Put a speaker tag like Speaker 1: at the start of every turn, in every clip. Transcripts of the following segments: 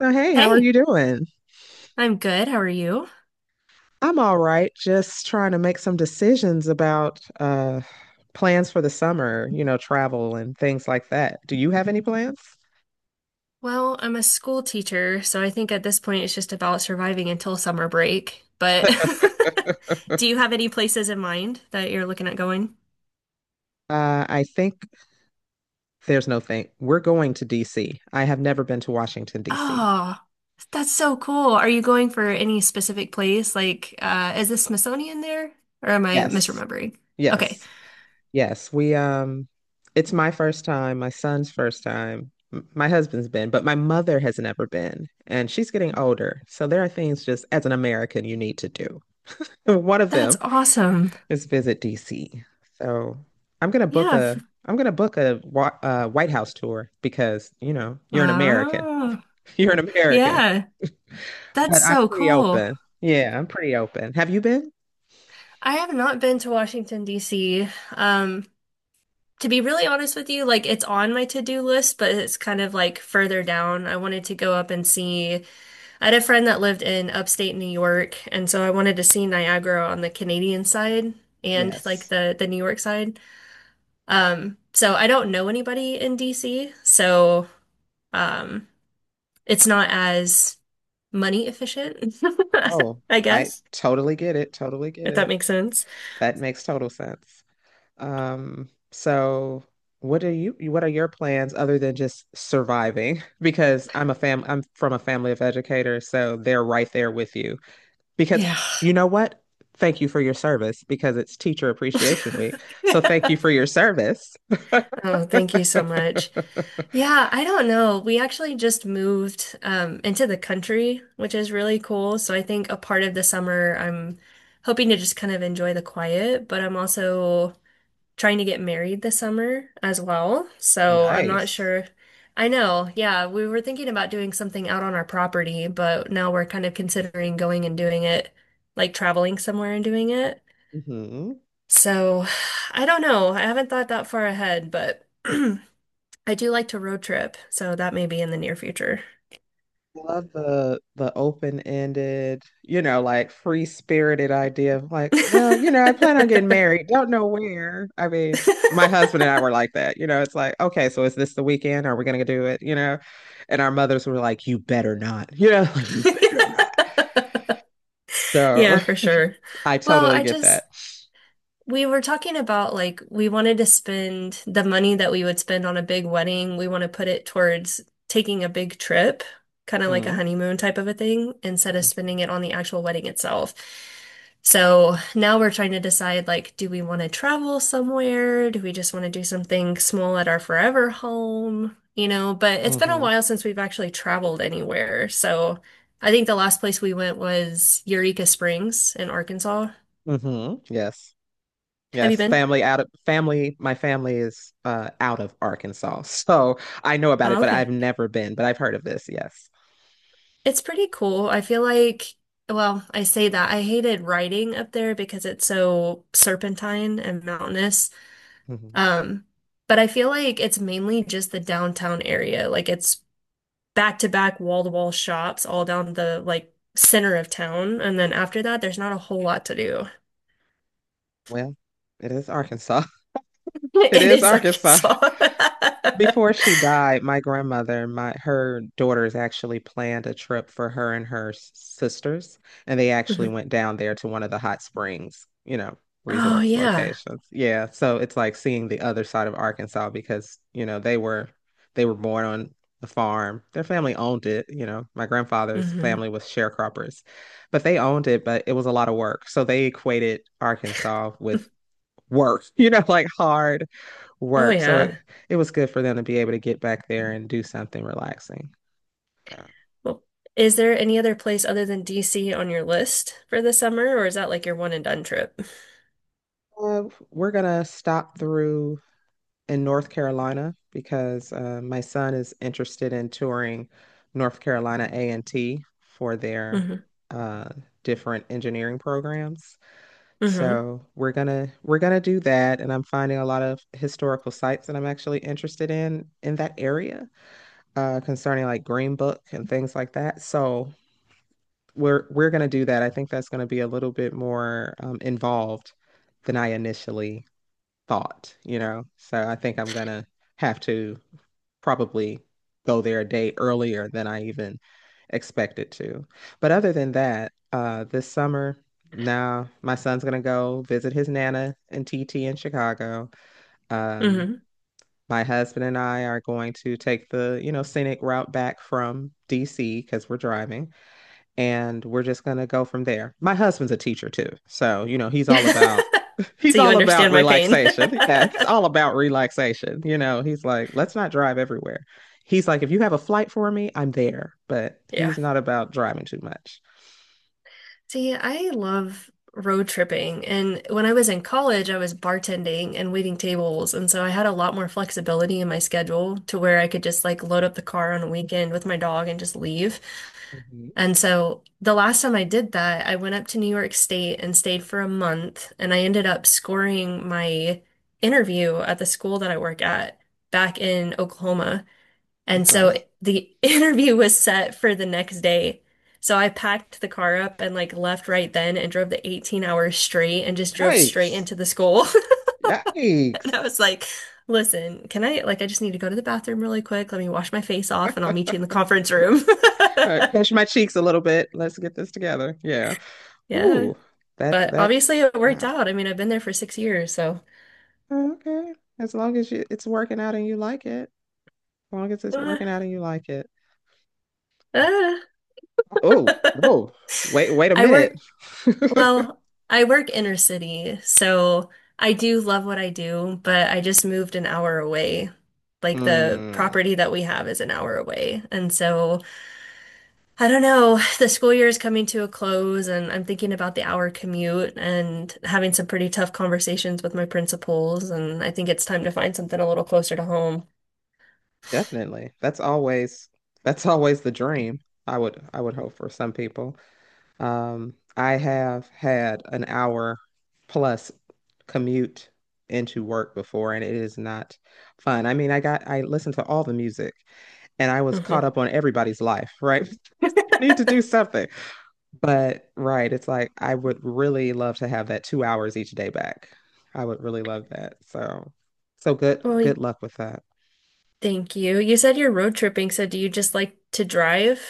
Speaker 1: So, hey, how are
Speaker 2: Hey,
Speaker 1: you doing?
Speaker 2: I'm good. How are you?
Speaker 1: I'm all right. Just trying to make some decisions about plans for the summer, travel and things like that. Do you have any plans?
Speaker 2: Well, I'm a school teacher, so I think at this point it's just about surviving until summer break. But do you have any places in mind that you're looking at going?
Speaker 1: I think there's no thing. We're going to DC. I have never been to Washington, DC.
Speaker 2: Oh, that's so cool. Are you going for any specific place? Like, is the Smithsonian there? Or am I
Speaker 1: Yes.
Speaker 2: misremembering? Okay,
Speaker 1: Yes. Yes. We it's my first time, my son's first time. My husband's been, but my mother has never been, and she's getting older. So there are things just as an American you need to do. One of
Speaker 2: that's
Speaker 1: them.
Speaker 2: awesome.
Speaker 1: Just visit DC. So I'm gonna book
Speaker 2: Yeah.
Speaker 1: a I'm gonna book a, White House tour because you know you're an American.
Speaker 2: Wow.
Speaker 1: You're an American,
Speaker 2: Yeah, that's
Speaker 1: but I'm
Speaker 2: so
Speaker 1: pretty
Speaker 2: cool.
Speaker 1: open. Yeah, I'm pretty open. Have you been?
Speaker 2: I have not been to Washington, D.C. Um, to be really honest with you, like it's on my to-do list, but it's kind of like further down. I wanted to go up and see. I had a friend that lived in upstate New York, and so I wanted to see Niagara on the Canadian side and like
Speaker 1: Yes.
Speaker 2: the New York side. So I don't know anybody in DC, so um, it's not as money efficient,
Speaker 1: Oh,
Speaker 2: I
Speaker 1: I
Speaker 2: guess,
Speaker 1: totally get it. Totally get
Speaker 2: if that
Speaker 1: it.
Speaker 2: makes sense.
Speaker 1: That makes total sense. So what are your plans other than just surviving? Because I'm from a family of educators, so they're right there with you. Because
Speaker 2: Yeah.
Speaker 1: you know what? Thank you for your service because it's Teacher Appreciation Week. So thank you for your service.
Speaker 2: Oh, thank you so much. Yeah, I don't know. We actually just moved into the country, which is really cool. So I think a part of the summer, I'm hoping to just kind of enjoy the quiet, but I'm also trying to get married this summer as well. So I'm not
Speaker 1: Nice.
Speaker 2: sure. I know. Yeah, we were thinking about doing something out on our property, but now we're kind of considering going and doing it, like traveling somewhere and doing it. So I don't know. I haven't thought that far ahead, but. I do like to road trip, so that may be in the near future.
Speaker 1: Love the open-ended, you know, like free-spirited idea of like, well, you know, I plan on getting married. Don't know where. I mean, my husband and I were like that. You know, it's like, okay, so is this the weekend? Are we gonna do it? You know? And our mothers were like, you better not. You know, you better not. So
Speaker 2: Yeah, for sure.
Speaker 1: I
Speaker 2: Well,
Speaker 1: totally
Speaker 2: I
Speaker 1: get
Speaker 2: just
Speaker 1: that.
Speaker 2: we were talking about like we wanted to spend the money that we would spend on a big wedding, we want to put it towards taking a big trip, kind of like a
Speaker 1: Mm.
Speaker 2: honeymoon type of a thing, instead of
Speaker 1: Mhm.
Speaker 2: spending it on the actual wedding itself. So now we're trying to decide like, do we want to travel somewhere? Do we just want to do something small at our forever home? You know, but it's been a
Speaker 1: Mhm.
Speaker 2: while since we've actually traveled anywhere. So I think the last place we went was Eureka Springs in Arkansas.
Speaker 1: Mhm. Yes.
Speaker 2: Have you
Speaker 1: Yes,
Speaker 2: been?
Speaker 1: family out of family. My family is out of Arkansas, so I know about it,
Speaker 2: Oh,
Speaker 1: but I've
Speaker 2: okay.
Speaker 1: never been. But I've heard of this. Yes.
Speaker 2: It's pretty cool. I feel like, well, I say that I hated riding up there because it's so serpentine and mountainous.
Speaker 1: Mhm.
Speaker 2: Um, but I feel like it's mainly just the downtown area. Like it's back to back wall to wall shops all down the like center of town. And then after that, there's not a whole lot to do.
Speaker 1: Well, it is Arkansas. It
Speaker 2: It
Speaker 1: is
Speaker 2: is
Speaker 1: Arkansas.
Speaker 2: Arkansas.
Speaker 1: Before she died, my grandmother, my her daughters actually planned a trip for her and her sisters, and they actually
Speaker 2: Mhm.
Speaker 1: went down there to one of the hot springs,
Speaker 2: Oh
Speaker 1: resorts
Speaker 2: yeah.
Speaker 1: locations. Yeah, so it's like seeing the other side of Arkansas because, they were born on the farm. Their family owned it. My grandfather's
Speaker 2: Hmm.
Speaker 1: family was sharecroppers, but they owned it, but it was a lot of work. So they equated Arkansas with work, like hard
Speaker 2: Oh
Speaker 1: work. So
Speaker 2: yeah.
Speaker 1: it was good for them to be able to get back there and do something relaxing.
Speaker 2: Well, is there any other place other than DC on your list for the summer, or is that like your one and done trip?
Speaker 1: Uh, we're going to stop through in North Carolina because my son is interested in touring North Carolina A&T for their
Speaker 2: Hmm.
Speaker 1: uh, different engineering programs.
Speaker 2: Hmm.
Speaker 1: So we're gonna do that, and I'm finding a lot of historical sites that I'm actually interested in that area concerning like Green Book and things like that. So we're going to do that. I think that's going to be a little bit more involved than I initially thought. So I think I'm going to have to probably go there a day earlier than I even expected to. But other than that, this summer now my son's going to go visit his nana and T T in Chicago. Um,
Speaker 2: Hmm.
Speaker 1: my husband and I are going to take the, scenic route back from DC because we're driving and we're just gonna go from there. My husband's a teacher too, so you know he's all about
Speaker 2: So
Speaker 1: he's
Speaker 2: you
Speaker 1: all about
Speaker 2: understand my pain.
Speaker 1: relaxation. Yeah, he's all about relaxation. he's like, let's not drive everywhere. He's like, if you have a flight for me, I'm there, but
Speaker 2: Yeah.
Speaker 1: he's not about driving too much.
Speaker 2: See, I love road tripping. And when I was in college, I was bartending and waiting tables. And so I had a lot more flexibility in my schedule to where I could just like load up the car on a weekend with my dog and just leave.
Speaker 1: Mhm.
Speaker 2: And so the last time I did that, I went up to New York State and stayed for a month. And I ended up scoring my interview at the school that I work at back in Oklahoma. And
Speaker 1: That's
Speaker 2: so
Speaker 1: nice.
Speaker 2: the interview was set for the next day. So I packed the car up and like left right then and drove the 18 hours straight and just drove straight
Speaker 1: Yikes.
Speaker 2: into the school.
Speaker 1: Yikes.
Speaker 2: And I was like, listen, can I like I just need to go to the bathroom really quick. Let me wash my face off and I'll meet you in the conference room.
Speaker 1: All right, pinch my cheeks a little bit. Let's get this together. Yeah.
Speaker 2: Yeah.
Speaker 1: Ooh, that
Speaker 2: But obviously
Speaker 1: that's
Speaker 2: it worked
Speaker 1: wow.
Speaker 2: out. I mean, I've been there for 6 years, so
Speaker 1: Okay. As long as you, it's working out and you like it. As long as it's
Speaker 2: uh,
Speaker 1: working out and you like it.
Speaker 2: uh.
Speaker 1: Oh, oh, wait, wait a
Speaker 2: I
Speaker 1: minute.
Speaker 2: work Well, I work inner city, so I do love what I do, but I just moved an hour away. Like the
Speaker 1: Mm,
Speaker 2: property that we have is an hour away. And so I don't know, the school year is coming to a close, and I'm thinking about the hour commute and having some pretty tough conversations with my principals. And I think it's time to find something a little closer to home.
Speaker 1: definitely. That's always the dream. I would hope for some people. I have had an hour plus commute into work before, and it is not fun. I mean, I listened to all the music, and I was
Speaker 2: Uh
Speaker 1: caught
Speaker 2: huh.
Speaker 1: up on everybody's life, right? Need to do something. But right, it's like I would really love to have that 2 hours each day back. I would really love that. So good,
Speaker 2: Well,
Speaker 1: good luck with that.
Speaker 2: thank you. You said you're road tripping, so do you just like to drive,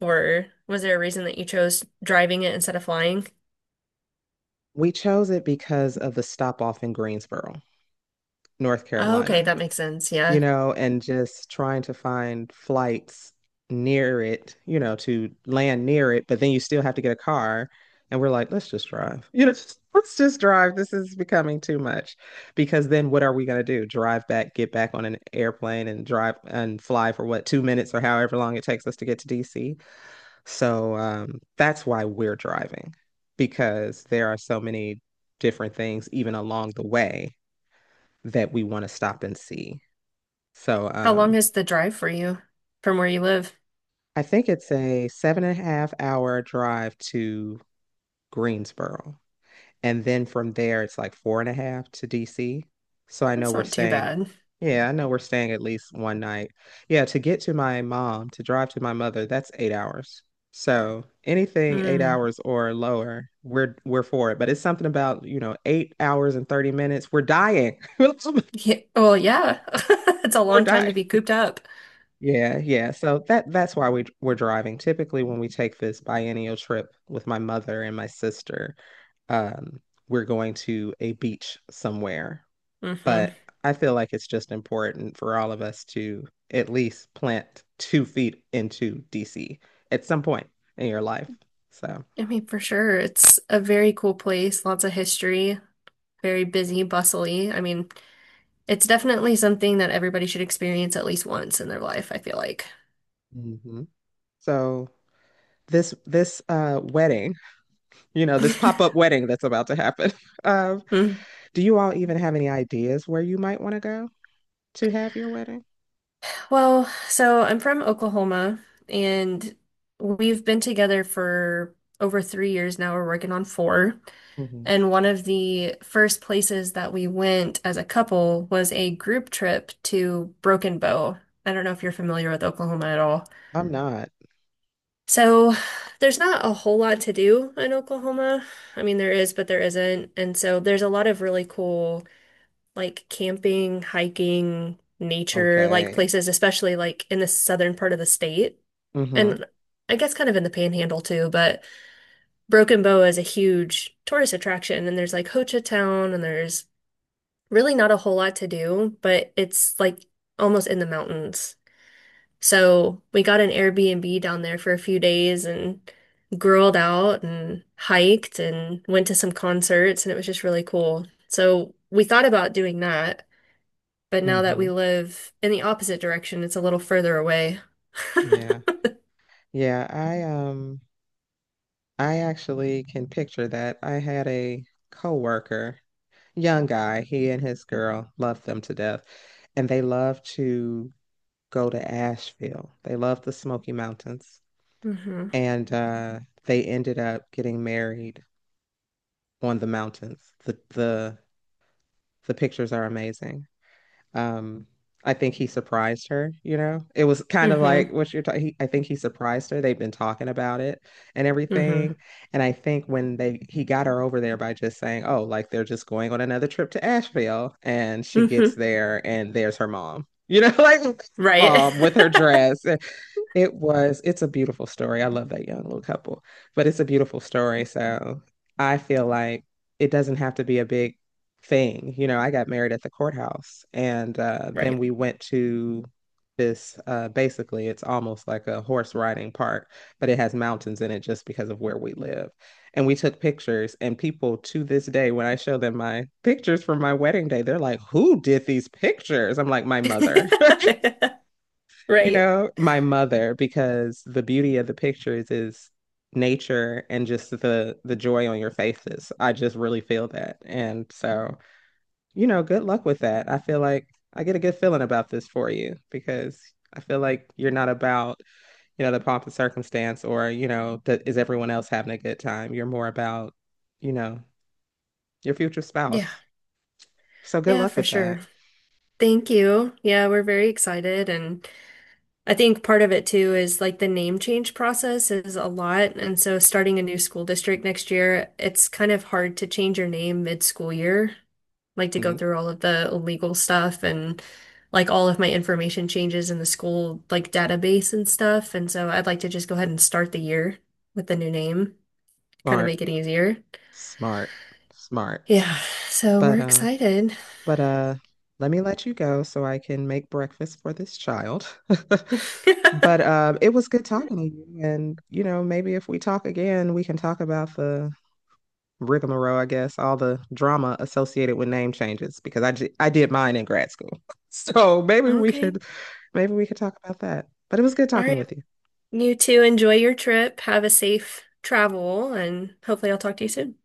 Speaker 2: or was there a reason that you chose driving it instead of flying?
Speaker 1: We chose it because of the stop off in Greensboro, North
Speaker 2: Oh, okay,
Speaker 1: Carolina.
Speaker 2: that makes sense.
Speaker 1: you
Speaker 2: Yeah.
Speaker 1: know, and just trying to find flights near it, to land near it, but then you still have to get a car. And we're like, let's just drive. Let's just drive. This is becoming too much. Because then what are we going to do? Drive back, get back on an airplane and drive and fly for what, 2 minutes or however long it takes us to get to DC. So that's why we're driving, because there are so many different things, even along the way, that we want to stop and see. So
Speaker 2: How long is the drive for you from where you live?
Speaker 1: I think it's a seven and a half hour drive to Greensboro. And then from there, it's like four and a half to DC. So I know
Speaker 2: That's
Speaker 1: we're
Speaker 2: not too
Speaker 1: staying.
Speaker 2: bad.
Speaker 1: Yeah, I know we're staying at least one night. Yeah, to get to my mom, to drive to my mother, that's 8 hours. So anything eight
Speaker 2: Mm.
Speaker 1: hours or lower, we're for it. But it's something about, 8 hours and 30 minutes. We're dying.
Speaker 2: Yeah, well, yeah. It's a
Speaker 1: We're
Speaker 2: long time to
Speaker 1: dying.
Speaker 2: be cooped up.
Speaker 1: Yeah, yeah. So that's why we're driving. Typically, when we take this biennial trip with my mother and my sister, um, we're going to a beach somewhere.
Speaker 2: hmm
Speaker 1: But I feel like it's just important for all of us to at least plant two feet into DC at some point in your life. So,
Speaker 2: I mean, for sure. It's a very cool place, lots of history, very busy, bustly. I mean, it's definitely something that everybody should experience at least once in their life, I feel like.
Speaker 1: mhm. So this wedding, this pop-up wedding that's about to happen. Um,
Speaker 2: Mm.
Speaker 1: do you all even have any ideas where you might want to go to have your wedding?
Speaker 2: Well, so I'm from Oklahoma, and we've been together for over 3 years now. We're working on four.
Speaker 1: Hmm.
Speaker 2: And one of the first places that we went as a couple was a group trip to Broken Bow. I don't know if you're familiar with Oklahoma at all.
Speaker 1: I'm not.
Speaker 2: So there's not a whole lot to do in Oklahoma. I mean, there is, but there isn't. And so there's a lot of really cool, like camping, hiking, nature, like
Speaker 1: Okay.
Speaker 2: places, especially like in the southern part of the state.
Speaker 1: Hmm.
Speaker 2: And I guess kind of in the panhandle too, but Broken Bow is a huge tourist attraction. And there's like Ho Chi Town and there's really not a whole lot to do, but it's like almost in the mountains. So we got an Airbnb down there for a few days and grilled out and hiked and went to some concerts, and it was just really cool. So we thought about doing that, but now that we
Speaker 1: Hmm.
Speaker 2: live in the opposite direction, it's a little further away.
Speaker 1: Yeah. Yeah, I actually can picture that. I had a coworker, young guy, he and his girl loved them to death, and they love to go to Asheville. They love the Smoky Mountains.
Speaker 2: Hmm.
Speaker 1: And they ended up getting married on the mountains. The pictures are amazing. Um, I think he surprised her. It was kind of
Speaker 2: Hmm.
Speaker 1: like what you're talking. I think he surprised her. They've been talking about it and everything.
Speaker 2: Hmm.
Speaker 1: And I think when they he got her over there by just saying, "Oh, like they're just going on another trip to Asheville," and she gets
Speaker 2: Hmm.
Speaker 1: there and there's her mom. Like her
Speaker 2: Right.
Speaker 1: mom with her dress. It's a beautiful story. I love that young little couple, but it's a beautiful story. So I feel like it doesn't have to be a big thing. I got married at the courthouse and then
Speaker 2: Right.
Speaker 1: we went to this basically, it's almost like a horse riding park, but it has mountains in it just because of where we live. And we took pictures, and people to this day, when I show them my pictures from my wedding day, they're like, "Who did these pictures?" I'm like, My mother you
Speaker 2: Right.
Speaker 1: know, my mother, because the beauty of the pictures is nature and just the joy on your faces. I just really feel that. And so, good luck with that. I feel like I get a good feeling about this for you because I feel like you're not about, the pomp and circumstance or, that is everyone else having a good time. You're more about, you know, your future
Speaker 2: Yeah.
Speaker 1: spouse. So good
Speaker 2: Yeah,
Speaker 1: luck
Speaker 2: for
Speaker 1: with that.
Speaker 2: sure. Thank you. Yeah, we're very excited. And I think part of it too is like the name change process is a lot. And so starting a new school district next year, it's kind of hard to change your name mid-school year, like to go
Speaker 1: Mm.
Speaker 2: through all of the legal stuff and like all of my information changes in the school like database and stuff. And so I'd like to just go ahead and start the year with the new name, kind of
Speaker 1: Smart,
Speaker 2: make it easier.
Speaker 1: smart, smart.
Speaker 2: Yeah, so
Speaker 1: But
Speaker 2: we're
Speaker 1: uh,
Speaker 2: excited.
Speaker 1: But let me let you go so I can make breakfast for this child. But it was good talking to you. And maybe if we talk again, we can talk about the rigmarole, I guess, all the drama associated with name changes because I did mine in grad school. So maybe we
Speaker 2: Okay.
Speaker 1: could maybe we could talk about that. But it was good
Speaker 2: All
Speaker 1: talking
Speaker 2: right.
Speaker 1: with you.
Speaker 2: You too enjoy your trip. Have a safe travel, and hopefully I'll talk to you soon.